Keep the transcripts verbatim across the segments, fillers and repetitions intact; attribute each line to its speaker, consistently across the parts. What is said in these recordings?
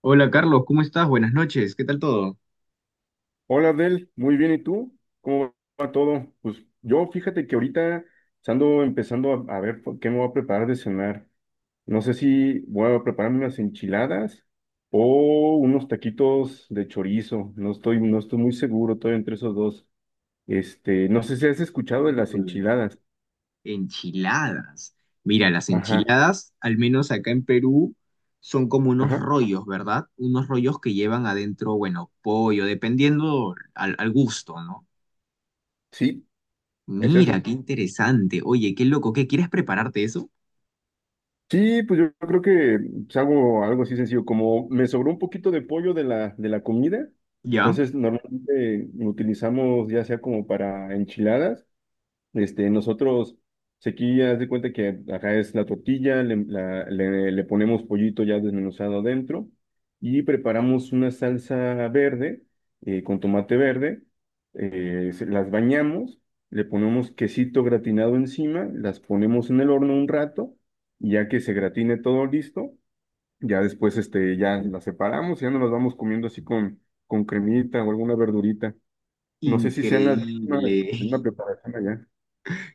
Speaker 1: Hola Carlos, ¿cómo estás? Buenas noches, ¿qué tal todo?
Speaker 2: Hola Abdel, muy bien, ¿y tú? ¿Cómo va todo? Pues yo fíjate que ahorita ando empezando a, a ver por qué me voy a preparar de cenar. No sé si voy a prepararme unas enchiladas o unos taquitos de chorizo. No estoy, no estoy muy seguro, estoy entre esos dos. Este, no sé si has escuchado de las
Speaker 1: Mm,
Speaker 2: enchiladas.
Speaker 1: enchiladas. Mira, las
Speaker 2: Ajá,
Speaker 1: enchiladas, al menos acá en Perú, son como unos
Speaker 2: ajá,
Speaker 1: rollos, ¿verdad? Unos rollos que llevan adentro, bueno, pollo, dependiendo al, al gusto, ¿no?
Speaker 2: sí, es
Speaker 1: Mira,
Speaker 2: eso.
Speaker 1: qué interesante. Oye, qué loco, ¿qué quieres prepararte eso?
Speaker 2: Sí, pues yo creo que pues, hago algo así sencillo, como me sobró un poquito de pollo de la, de la comida,
Speaker 1: ¿Ya?
Speaker 2: entonces normalmente lo utilizamos ya sea como para enchiladas este, nosotros, pues, aquí haz de cuenta que acá es la tortilla, le, la- le- le ponemos pollito ya desmenuzado adentro y preparamos una salsa verde eh, con tomate verde, eh, se- las bañamos, le ponemos quesito gratinado encima, las ponemos en el horno un rato, y ya que se gratine todo listo, ya después este, ya las separamos, ya nos las vamos comiendo así con, con cremita o alguna verdurita. No sé si sean las mismas,
Speaker 1: Increíble.
Speaker 2: la misma preparación allá.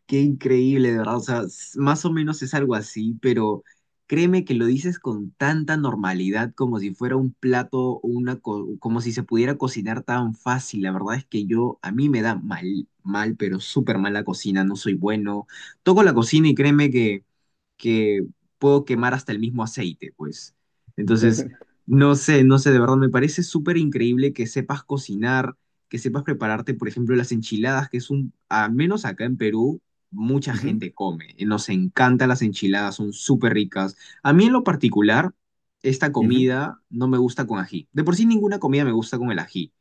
Speaker 1: Qué increíble, de verdad. O sea, s- más o menos es algo así, pero créeme que lo dices con tanta normalidad como si fuera un plato, o una co- como si se pudiera cocinar tan fácil. La verdad es que yo, a mí me da mal, mal, pero súper mal la cocina, no soy bueno. Toco la cocina y créeme que que puedo quemar hasta el mismo aceite, pues. Entonces, no sé, no sé, de verdad me parece súper increíble que sepas cocinar, que sepas prepararte, por ejemplo, las enchiladas, que es un, al menos acá en Perú, mucha
Speaker 2: Ujú,
Speaker 1: gente come. Y nos encantan las enchiladas, son súper ricas. A mí en lo particular, esta
Speaker 2: ujú,
Speaker 1: comida no me gusta con ají. De por sí ninguna comida me gusta con el ají,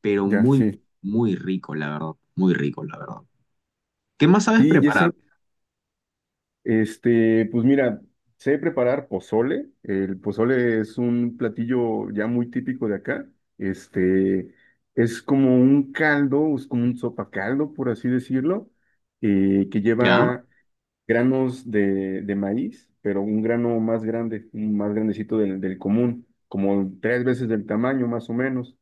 Speaker 1: pero
Speaker 2: ya,
Speaker 1: muy,
Speaker 2: sí.
Speaker 1: muy rico, la verdad, muy rico, la verdad. ¿Qué más sabes
Speaker 2: Sí,
Speaker 1: preparar?
Speaker 2: Jessel, este, pues mira, sé preparar pozole. El pozole es un platillo ya muy típico de acá. Este, es como un caldo, es como un sopacaldo, por así decirlo, eh, que
Speaker 1: ¿Ya?
Speaker 2: lleva granos de, de maíz, pero un grano más grande, un más grandecito del, del común, como tres veces del tamaño, más o menos.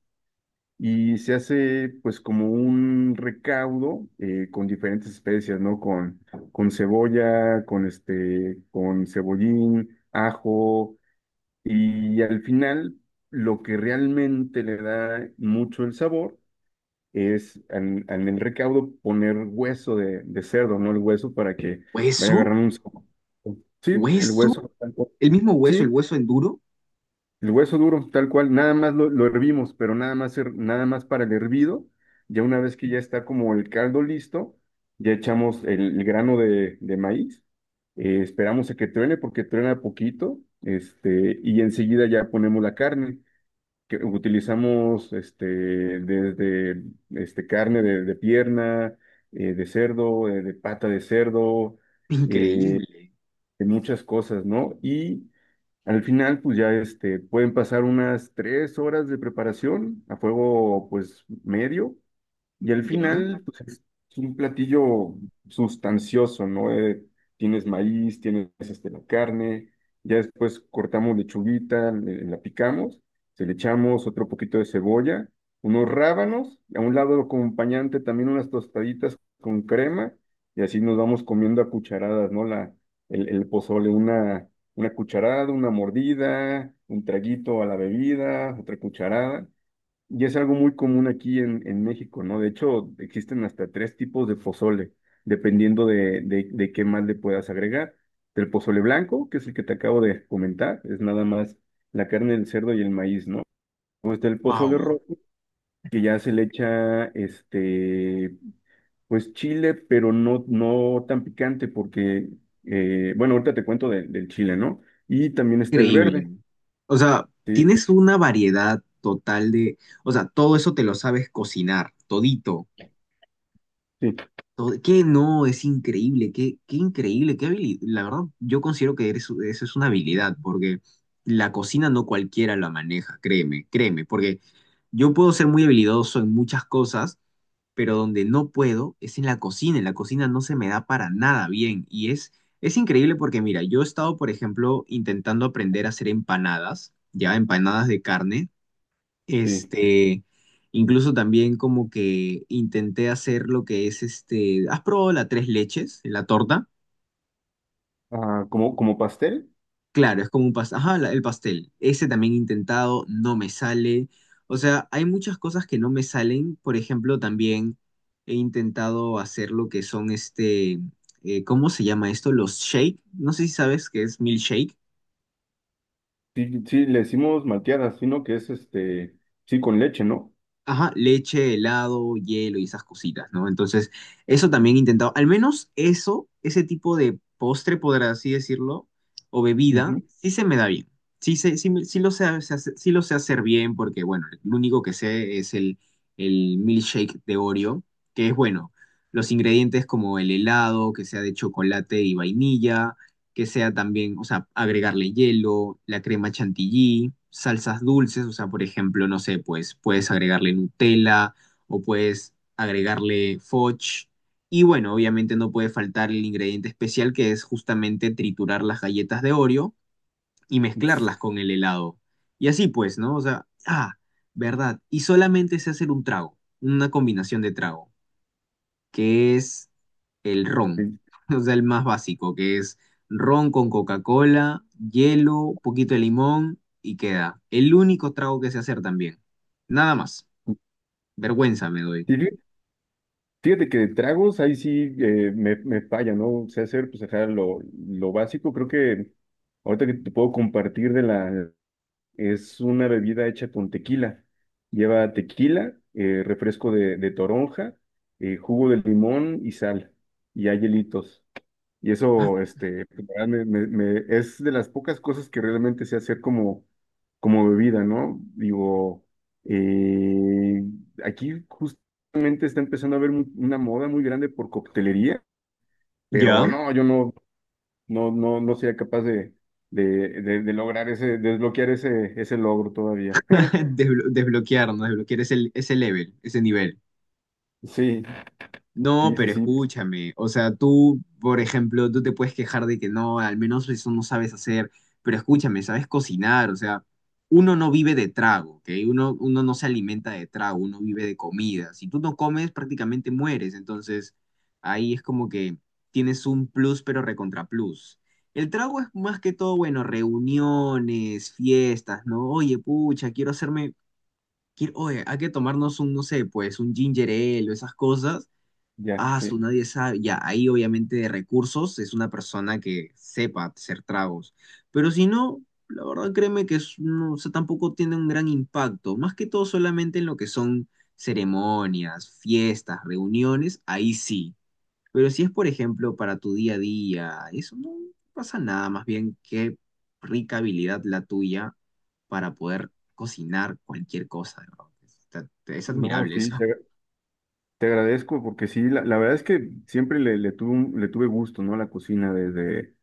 Speaker 2: Y se hace pues como un recaudo eh, con diferentes especias, ¿no? Con, con cebolla, con este, con cebollín, ajo y al final lo que realmente le da mucho el sabor es en, en el recaudo poner hueso de, de cerdo, ¿no? El hueso para que vaya
Speaker 1: ¿Hueso?
Speaker 2: agarrando un sabor. Sí, el
Speaker 1: ¿Hueso?
Speaker 2: hueso.
Speaker 1: El mismo hueso,
Speaker 2: Sí,
Speaker 1: el hueso enduro,
Speaker 2: el hueso duro, tal cual, nada más lo, lo hervimos, pero nada más, her- nada más para el hervido. Ya una vez que ya está como el caldo listo, ya echamos el, el grano de, de maíz. eh, esperamos a que truene porque truena poquito, este, y enseguida ya ponemos la carne, que utilizamos este, desde este, carne de, de pierna, eh, de cerdo, eh, de pata de cerdo, eh,
Speaker 1: increíble,
Speaker 2: de muchas cosas, ¿no? Y al final, pues ya este, pueden pasar unas tres horas de preparación a fuego, pues medio, y al
Speaker 1: ¿ya?
Speaker 2: final, pues es es un platillo sustancioso, ¿no? Eh, tienes maíz, tienes este, la carne, ya después cortamos lechuguita, le- la picamos, se le echamos otro poquito de cebolla, unos rábanos, y a un lado lo acompañante también unas tostaditas con crema, y así nos vamos comiendo a cucharadas, ¿no? La, el, el pozole, una, una cucharada, una mordida, un traguito a la bebida, otra cucharada. Y es algo muy común aquí en, en México, ¿no? De hecho, existen hasta tres tipos de pozole, dependiendo de, de, de qué más le puedas agregar. El pozole blanco, que es el que te acabo de comentar, es nada más la carne del cerdo y el maíz, ¿no? O está el pozole
Speaker 1: Wow,
Speaker 2: rojo, que ya se le echa, este, pues chile, pero no, no tan picante, porque, eh, bueno, ahorita te cuento de- del chile, ¿no? Y también está el
Speaker 1: increíble.
Speaker 2: verde,
Speaker 1: O sea,
Speaker 2: sí,
Speaker 1: tienes una variedad total de, o sea, todo eso te lo sabes cocinar, todito.
Speaker 2: sí,
Speaker 1: Todo, que no, es increíble, qué, qué increíble, qué habilidad. La verdad, yo considero que eres- eso es una habilidad, porque la cocina no cualquiera la maneja, créeme, créeme, porque yo puedo ser muy habilidoso en muchas cosas, pero donde no puedo es en la cocina. En la cocina no se me da para nada bien y es, es increíble porque mira, yo he estado, por ejemplo, intentando aprender a hacer empanadas, ya empanadas de carne,
Speaker 2: sí.
Speaker 1: este, incluso también como que intenté hacer lo que es este, ¿has probado la tres leches, la torta?
Speaker 2: Ah, como, como pastel.
Speaker 1: Claro, es como un pastel. Ajá, la- el pastel. Ese también he intentado, no me sale. O sea, hay muchas cosas que no me salen. Por ejemplo, también he intentado hacer lo que son este, eh, ¿cómo se llama esto? Los shake. No sé si sabes qué es milkshake.
Speaker 2: Sí, sí, le decimos malteadas, sino que es este, sí, con leche, ¿no?
Speaker 1: Ajá, leche, helado, hielo y esas cositas, ¿no? Entonces, eso también he intentado, al menos eso, ese tipo de postre, por así decirlo, o bebida,
Speaker 2: Ujú.
Speaker 1: sí se me da bien. Sí, se, sí, me- sí lo sé, hacer- sí lo sé hacer bien porque, bueno, lo único que sé es el, el milkshake de Oreo, que es, bueno, los ingredientes como el helado, que sea de chocolate y vainilla, que sea también, o sea, agregarle hielo, la crema chantilly, salsas dulces, o sea, por ejemplo, no sé, pues puedes agregarle Nutella o puedes agregarle fudge. Y bueno, obviamente no puede faltar el ingrediente especial que es justamente triturar las galletas de Oreo y mezclarlas con el helado. Y así pues, ¿no? O sea, ah, verdad. Y solamente sé hacer un trago, una combinación de trago que es el ron,
Speaker 2: Sí.
Speaker 1: o sea, el más básico, que es ron con Coca-Cola, hielo, poquito de limón y queda. El único trago que sé hacer también. Nada más. Vergüenza me doy.
Speaker 2: Y fí- fíjate que de tragos ahí sí eh, me, me falla, ¿no? Sé hacer, pues, ajá, lo, lo básico. Creo que ahorita que te puedo compartir de la... Es una bebida hecha con tequila. Lleva tequila, eh, refresco de, de toronja, eh, jugo de limón y sal. Y hay hielitos. Y eso, este, pues, la verdad, me, me- me- es de las pocas cosas que realmente sé hacer como, como bebida, ¿no? Digo, eh, aquí justamente está empezando a haber mu- una moda muy grande por coctelería, pero
Speaker 1: Ya.
Speaker 2: no, yo no, no, no, no sería capaz de, de, de- de lograr ese, desbloquear ese, ese logro todavía.
Speaker 1: Desblo- desbloquear, ¿no? Desbloquear ese, ese level, ese nivel.
Speaker 2: Sí,
Speaker 1: No,
Speaker 2: sí, sí,
Speaker 1: pero
Speaker 2: sí,
Speaker 1: escúchame, o sea, tú, por ejemplo, tú te puedes quejar de que no, al menos eso no sabes hacer, pero escúchame, sabes cocinar, o sea, uno no vive de trago, ¿ok? Uno, uno no se alimenta de trago, uno vive de comida. Si tú no comes, prácticamente mueres, entonces ahí es como que tienes un plus, pero recontra plus. El trago es más que todo, bueno, reuniones, fiestas, ¿no? Oye, pucha, quiero hacerme, quiero, oye, hay que tomarnos un, no sé, pues, un ginger ale o esas cosas.
Speaker 2: ya,
Speaker 1: Ah, su
Speaker 2: sí.
Speaker 1: nadie sabe. Ya, ahí obviamente de recursos es una persona que sepa hacer tragos. Pero si no, la verdad créeme que es- no, o sea, tampoco tiene un gran impacto. Más que todo solamente en lo que son ceremonias, fiestas, reuniones, ahí sí. Pero si es, por ejemplo, para tu día a día, eso no pasa nada. Más bien, qué rica habilidad la tuya para poder cocinar cualquier cosa, de verdad. Está- Es
Speaker 2: No,
Speaker 1: admirable.
Speaker 2: sí, te, te agradezco porque sí, la, la verdad es que siempre le, le tuve, un- le tuve gusto, ¿no? a La cocina desde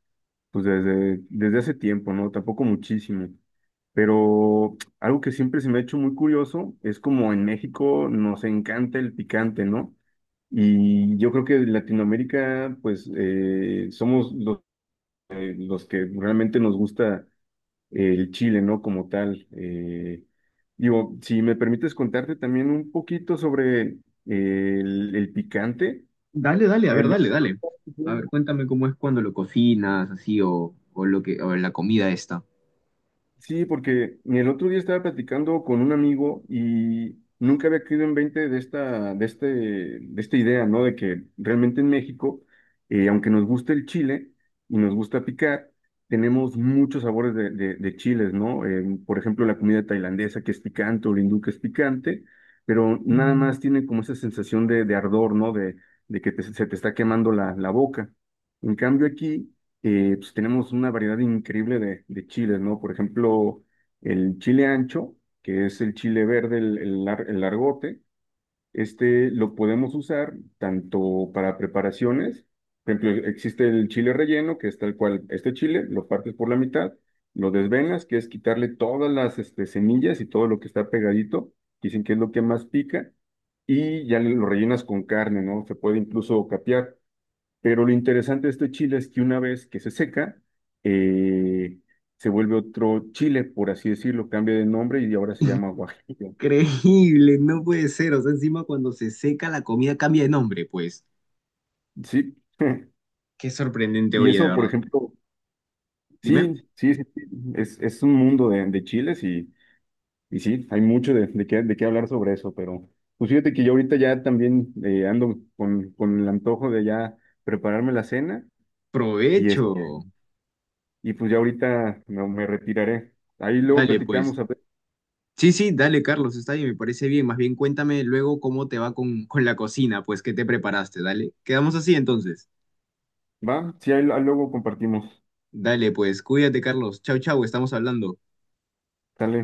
Speaker 2: pues desde, desde hace tiempo, ¿no? Tampoco muchísimo. Pero algo que siempre se me ha hecho muy curioso es como en México nos encanta el picante, ¿no? Y yo creo que en Latinoamérica, pues eh, somos los, los que realmente nos gusta el chile, ¿no? Como tal. Eh, digo, si me permites contarte también un poquito sobre el, el picante.
Speaker 1: Dale, dale, a ver,
Speaker 2: El-
Speaker 1: dale, dale. A ver, cuéntame cómo es cuando lo cocinas, así, o, o lo que, o la comida esta.
Speaker 2: Sí, porque el otro día estaba platicando con un amigo y nunca había caído en veinte de esta, de este, de esta idea, ¿no? De que realmente en México, eh, aunque nos guste el chile y nos gusta picar, tenemos muchos sabores de, de- de chiles, ¿no? Eh, por ejemplo, la comida tailandesa que es picante o la hindú que es picante, pero nada más tiene como esa sensación de, de ardor, ¿no? De, de que te- se te está quemando la, la boca. En cambio aquí eh, pues tenemos una variedad increíble de, de chiles, ¿no? Por ejemplo, el chile ancho, que es el chile verde, el, el lar- el largote, este lo podemos usar tanto para preparaciones, por ejemplo, existe el chile relleno, que es tal cual, este chile lo partes por la mitad, lo desvenas, que es quitarle todas las este, semillas y todo lo que está pegadito, dicen que es lo que más pica, y ya lo rellenas con carne, ¿no? Se puede incluso capear. Pero lo interesante de este chile es que una vez que se seca, eh, se vuelve otro chile, por así decirlo, cambia de nombre y ahora se llama guajillo.
Speaker 1: Increíble, no puede ser. O sea, encima cuando se seca la comida cambia de nombre, pues.
Speaker 2: Sí.
Speaker 1: Qué sorprendente,
Speaker 2: Y
Speaker 1: oye, de
Speaker 2: eso, por
Speaker 1: verdad.
Speaker 2: ejemplo,
Speaker 1: Dime,
Speaker 2: sí, sí, sí, sí, es, es un mundo de, de chiles y, y sí, hay mucho de, de qué, de qué hablar sobre eso, pero pues fíjate que yo ahorita ya también eh, ando con, con el antojo de ya prepararme la cena y, es,
Speaker 1: provecho.
Speaker 2: y pues ya ahorita me, me retiraré. Ahí luego
Speaker 1: Dale, pues.
Speaker 2: platicamos, a ver,
Speaker 1: Sí, sí, dale, Carlos, está bien, me parece bien. Más bien cuéntame luego cómo te va con, con la cocina, pues, qué te preparaste, dale. Quedamos así entonces.
Speaker 2: ¿va? Sí, ahí ahí luego compartimos.
Speaker 1: Dale, pues, cuídate, Carlos. Chau, chau, estamos hablando.
Speaker 2: Dale.